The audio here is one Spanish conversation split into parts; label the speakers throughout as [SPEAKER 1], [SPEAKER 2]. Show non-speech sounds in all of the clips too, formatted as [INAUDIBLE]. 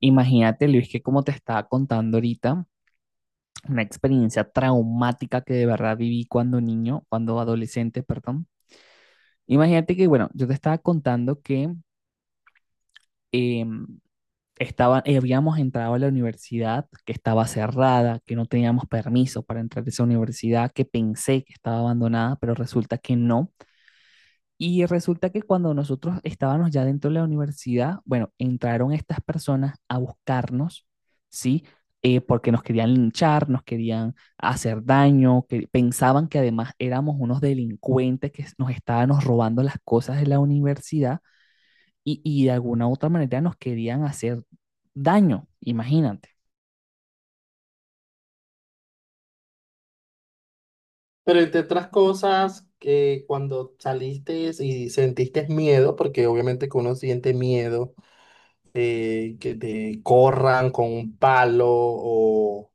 [SPEAKER 1] Imagínate, Luis, que como te estaba contando ahorita, una experiencia traumática que de verdad viví cuando niño, cuando adolescente, perdón. Imagínate que, bueno, yo te estaba contando que em, estaba, habíamos entrado a la universidad, que estaba cerrada, que no teníamos permiso para entrar a esa universidad, que pensé que estaba abandonada, pero resulta que no. Y resulta que cuando nosotros estábamos ya dentro de la universidad, bueno, entraron estas personas a buscarnos, ¿sí? Porque nos querían linchar, nos querían hacer daño, que pensaban que además éramos unos delincuentes que nos estábamos robando las cosas de la universidad y, de alguna u otra manera nos querían hacer daño, imagínate.
[SPEAKER 2] Pero entre otras cosas, que cuando saliste y sentiste miedo, porque obviamente que uno siente miedo, que te corran con un palo o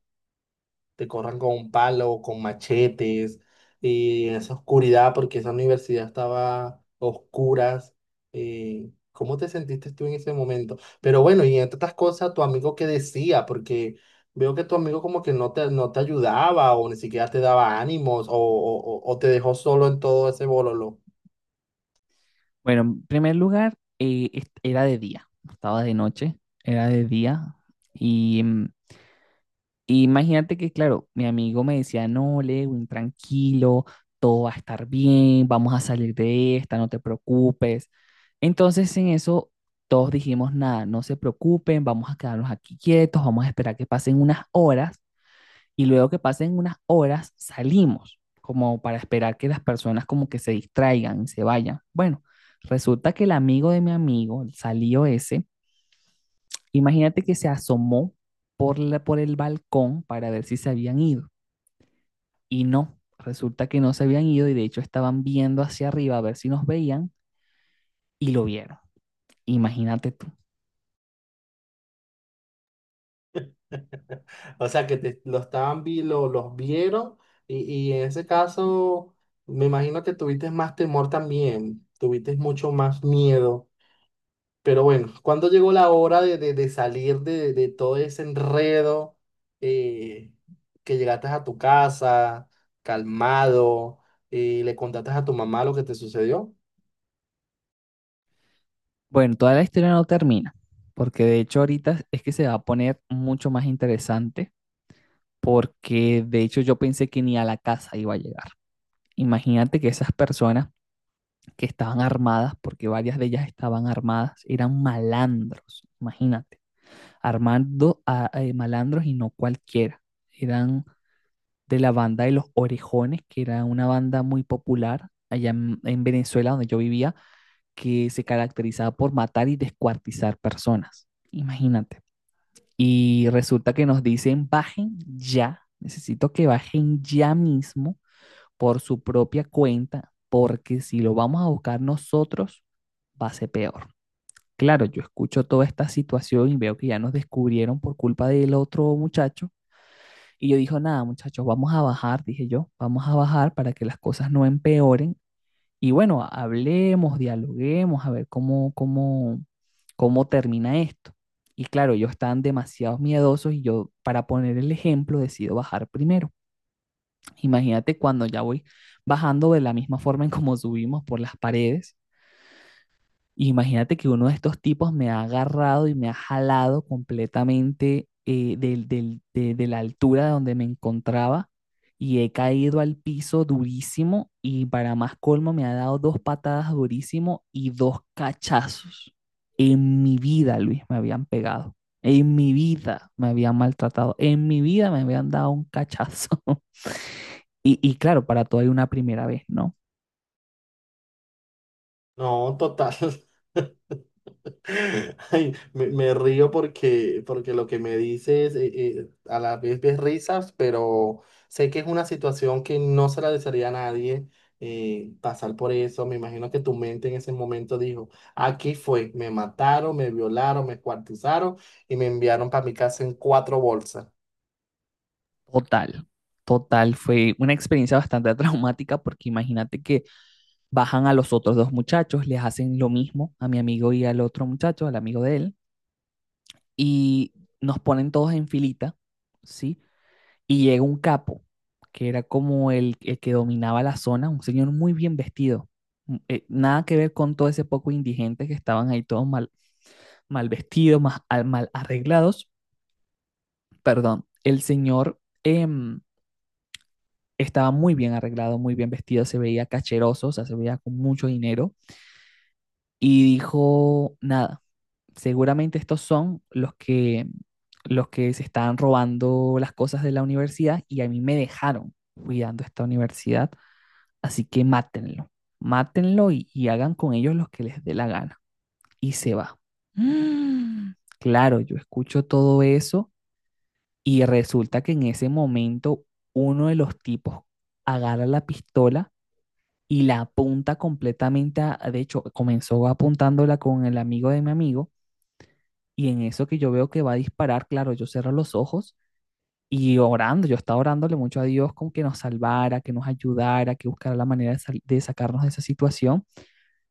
[SPEAKER 2] te corran con palos, con machetes, y en esa oscuridad, porque esa universidad estaba a oscuras. ¿ ¿Cómo te sentiste tú en ese momento? Pero bueno, y entre otras cosas, tu amigo qué decía, porque veo que tu amigo como que no te ayudaba o ni siquiera te daba ánimos o te dejó solo en todo ese bololo.
[SPEAKER 1] Bueno, en primer lugar, era de día, no estaba de noche, era de día y Y imagínate que, claro, mi amigo me decía, no, Lewin, tranquilo, todo va a estar bien, vamos a salir de esta, no te preocupes. Entonces en eso todos dijimos, nada, no se preocupen, vamos a quedarnos aquí quietos, vamos a esperar que pasen unas horas y luego que pasen unas horas salimos, como para esperar que las personas como que se distraigan y se vayan. Bueno, resulta que el amigo de mi amigo, el salió ese, imagínate que se asomó por el balcón para ver si se habían ido. Y no, resulta que no se habían ido y de hecho estaban viendo hacia arriba a ver si nos veían y lo vieron. Imagínate tú.
[SPEAKER 2] O sea, que te, lo estaban, vi- lo, los vieron y, y en ese caso... Me imagino que tuviste más temor también, tuviste mucho más miedo. Pero bueno, ¿cuándo llegó la hora de, de salir de todo ese enredo? eh, que llegaste a tu casa, calmado, y le contaste a tu mamá lo que te sucedió.
[SPEAKER 1] Bueno, toda la historia no termina, porque de hecho ahorita es que se va a poner mucho más interesante, porque de hecho yo pensé que ni a la casa iba a llegar. Imagínate que esas personas que estaban armadas, porque varias de ellas estaban armadas, eran malandros, imagínate, armando a malandros y no cualquiera, eran de la banda de Los Orejones, que era una banda muy popular allá en Venezuela, donde yo vivía, que se caracterizaba por matar y descuartizar personas. Imagínate. Y resulta que nos dicen, bajen ya, necesito que bajen ya mismo por su propia cuenta, porque si lo vamos a buscar nosotros, va a ser peor. Claro, yo escucho toda esta situación y veo que ya nos descubrieron por culpa del otro muchacho y yo dijo, nada, muchachos, vamos a bajar, dije yo, vamos a bajar para que las cosas no empeoren. Y bueno, hablemos, dialoguemos, a ver cómo termina esto. Y claro, ellos están demasiado miedosos y yo, para poner el ejemplo, decido bajar primero. Imagínate cuando ya voy bajando de la misma forma en como subimos por las paredes y imagínate que uno de estos tipos me ha agarrado y me ha jalado completamente de la altura de donde me encontraba y he caído al piso durísimo y para más colmo me ha dado dos patadas durísimo y dos cachazos. En mi vida, Luis, me habían pegado. En mi vida me habían maltratado. En mi vida me habían dado un cachazo. [LAUGHS] Y, claro, para todo hay una primera vez, ¿no?
[SPEAKER 2] No, total. [LAUGHS] [LAUGHS] Ay, me río porque, porque lo que me dices a la vez ves risas, pero sé que es una situación que no se la desearía a nadie pasar por eso. Me imagino que tu mente en ese momento dijo, aquí fue, me mataron, me violaron, me escuartizaron y me enviaron para mi casa en cuatro bolsas.
[SPEAKER 1] Total, total. Fue una experiencia bastante [LAUGHS] traumática porque imagínate que bajan a los otros dos muchachos, les hacen lo mismo a mi amigo y al otro muchacho, al amigo de él, y nos ponen todos en filita, ¿sí? Y llega un capo, que era como el que dominaba la zona, un señor muy bien vestido. Nada que ver con todo ese poco indigente que estaban ahí todos mal, mal vestidos, mal arreglados. Perdón, el señor em, estaba muy bien arreglado, muy bien vestido, se veía cacheroso, o sea, se veía con mucho dinero. Y dijo, nada, seguramente estos son los que se están robando las cosas de la universidad y a mí me dejaron cuidando esta universidad, así que mátenlo, mátenlo y, hagan con ellos lo que les dé la gana. Y se va. Mm, Claro, yo escucho todo eso y resulta que en ese momento uno de los tipos agarra la pistola y la apunta completamente a, de hecho, comenzó apuntándola con el amigo de mi amigo y en eso que yo veo que va a disparar, claro, yo cierro los ojos y orando, yo estaba orándole mucho a Dios con que nos salvara, que nos ayudara, que buscara la manera de, de sacarnos de esa situación.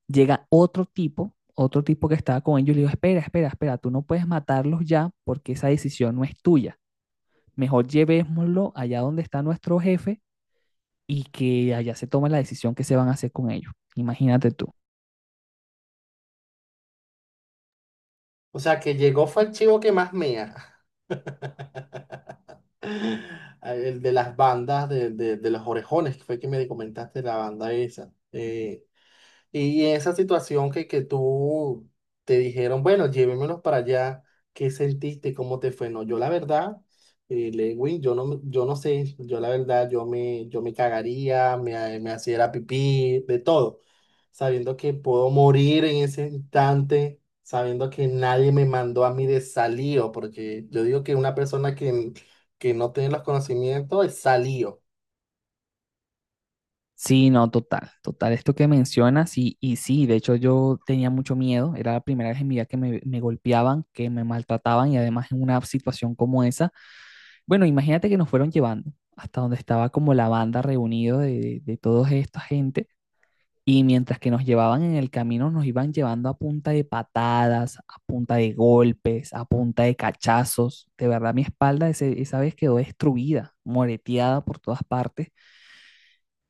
[SPEAKER 1] Llega otro tipo que estaba con ellos y le digo, espera, espera, espera, tú no puedes matarlos ya porque esa decisión no es tuya. Mejor llevémoslo allá donde está nuestro jefe y que allá se tome la decisión que se van a hacer con ellos. Imagínate tú.
[SPEAKER 2] O sea, que llegó fue el chivo que más mía. [LAUGHS] El de las bandas, de los Orejones, que fue que me comentaste la banda esa. Y esa situación que tú te dijeron, bueno, llévemelos para allá, ¿qué sentiste? ¿Cómo te fue? No, yo la verdad, Lewin, yo no sé, yo la verdad, yo me cagaría, me hacía pipí, de todo, sabiendo que puedo morir en ese instante, sabiendo que nadie me mandó a mí de salido, porque yo digo que una persona que no tiene los conocimientos es salido.
[SPEAKER 1] Sí, no, total, total. Esto que mencionas, y, sí, de hecho yo tenía mucho miedo, era la primera vez en mi vida que me golpeaban, que me maltrataban y además en una situación como esa. Bueno, imagínate que nos fueron llevando hasta donde estaba como la banda reunido de toda esta gente y mientras que nos llevaban en el camino nos iban llevando a punta de patadas, a punta de golpes, a punta de cachazos. De verdad mi espalda esa vez quedó destruida, moreteada por todas partes.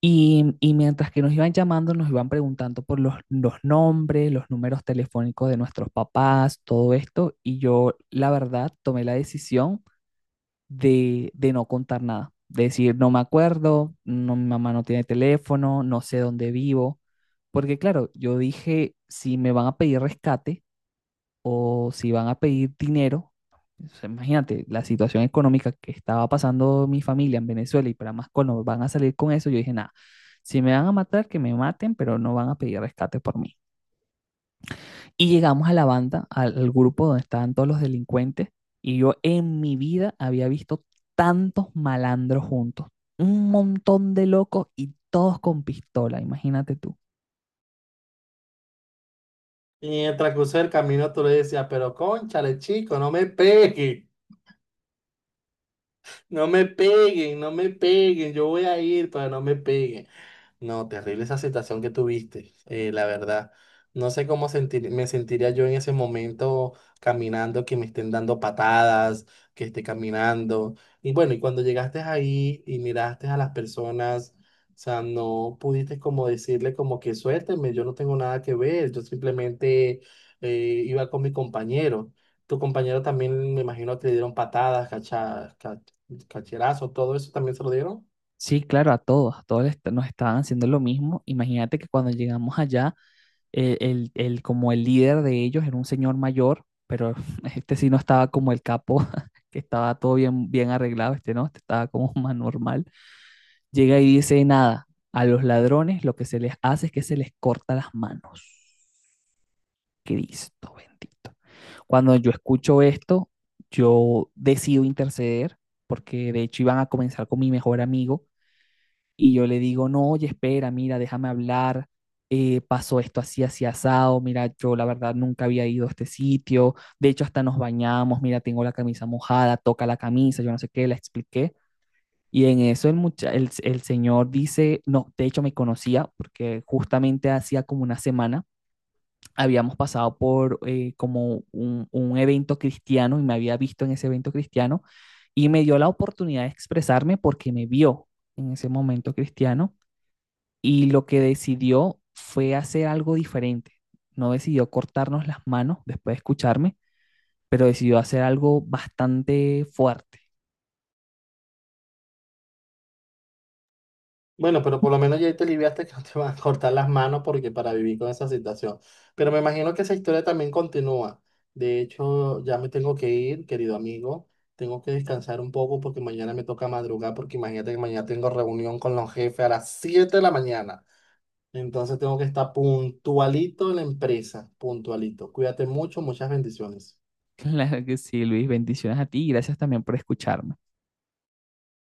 [SPEAKER 1] Y, mientras que nos iban llamando, nos iban preguntando por los nombres, los números telefónicos de nuestros papás, todo esto. Y yo, la verdad, tomé la decisión de no contar nada. De decir, no me acuerdo, no, mi mamá no tiene teléfono, no sé dónde vivo. Porque claro, yo dije, si me van a pedir rescate, o si van a pedir dinero. O imagínate la situación económica que estaba pasando mi familia en Venezuela y para más colmo van a salir con eso, yo dije, nada, si me van a matar, que me maten, pero no van a pedir rescate por mí. Y llegamos a la banda, al grupo donde estaban todos los delincuentes y yo en mi vida había visto tantos malandros juntos, un montón de locos y todos con pistola, imagínate tú.
[SPEAKER 2] Y en el transcurso del camino tú le decías, pero cónchale, chico, no me pegues. No me peguen, no me peguen, yo voy a ir para no me peguen. No, terrible esa situación que tuviste, la verdad. No sé cómo sentir, me sentiría yo en ese momento caminando, que me estén dando patadas, que esté caminando. Y bueno, y cuando llegaste ahí y miraste a las personas, o sea, no pudiste como decirle como que suélteme, yo no tengo nada que ver, yo simplemente iba con mi compañero. Tu compañero también me imagino que le dieron patadas, cacherazos, todo eso también se lo dieron.
[SPEAKER 1] Sí, claro, a todos les- nos estaban haciendo lo mismo. Imagínate que cuando llegamos allá como el líder de ellos era un señor mayor, pero [LAUGHS] este sí no estaba como el capo, [LAUGHS] que estaba todo bien, bien arreglado, este no, este estaba como [LAUGHS] más normal. Llega y dice, nada, a los ladrones lo que se les hace es que se les corta las manos. Cristo bendito. Cuando yo escucho esto, yo decido interceder, porque de hecho iban a comenzar con mi mejor amigo y yo le digo, no, oye, espera, mira, déjame hablar, pasó esto así, así asado, mira, yo la verdad nunca había ido a este sitio, de hecho hasta nos bañamos, mira, tengo la camisa mojada, toca la camisa, yo no sé qué, la expliqué. Y en eso el señor dice, no, de hecho me conocía porque justamente hacía como una semana habíamos pasado por como un evento cristiano y me había visto en ese evento cristiano y me dio la oportunidad de expresarme porque me vio en ese momento cristiano y lo que decidió fue hacer algo diferente. No decidió cortarnos las manos después de escucharme, pero decidió hacer algo bastante fuerte. [LAUGHS]
[SPEAKER 2] Bueno, pero por lo menos ya te aliviaste que no te van a cortar las manos porque para vivir con esa situación. Pero me imagino que esa historia también continúa. De hecho, ya me tengo que ir, querido amigo. Tengo que descansar un poco porque mañana me toca madrugar porque imagínate que mañana tengo reunión con los jefes a las 7 de la mañana. Entonces tengo que estar puntualito en la empresa, puntualito. Cuídate mucho, muchas bendiciones.
[SPEAKER 1] Claro que sí, Luis, bendiciones a ti y gracias también por escucharme.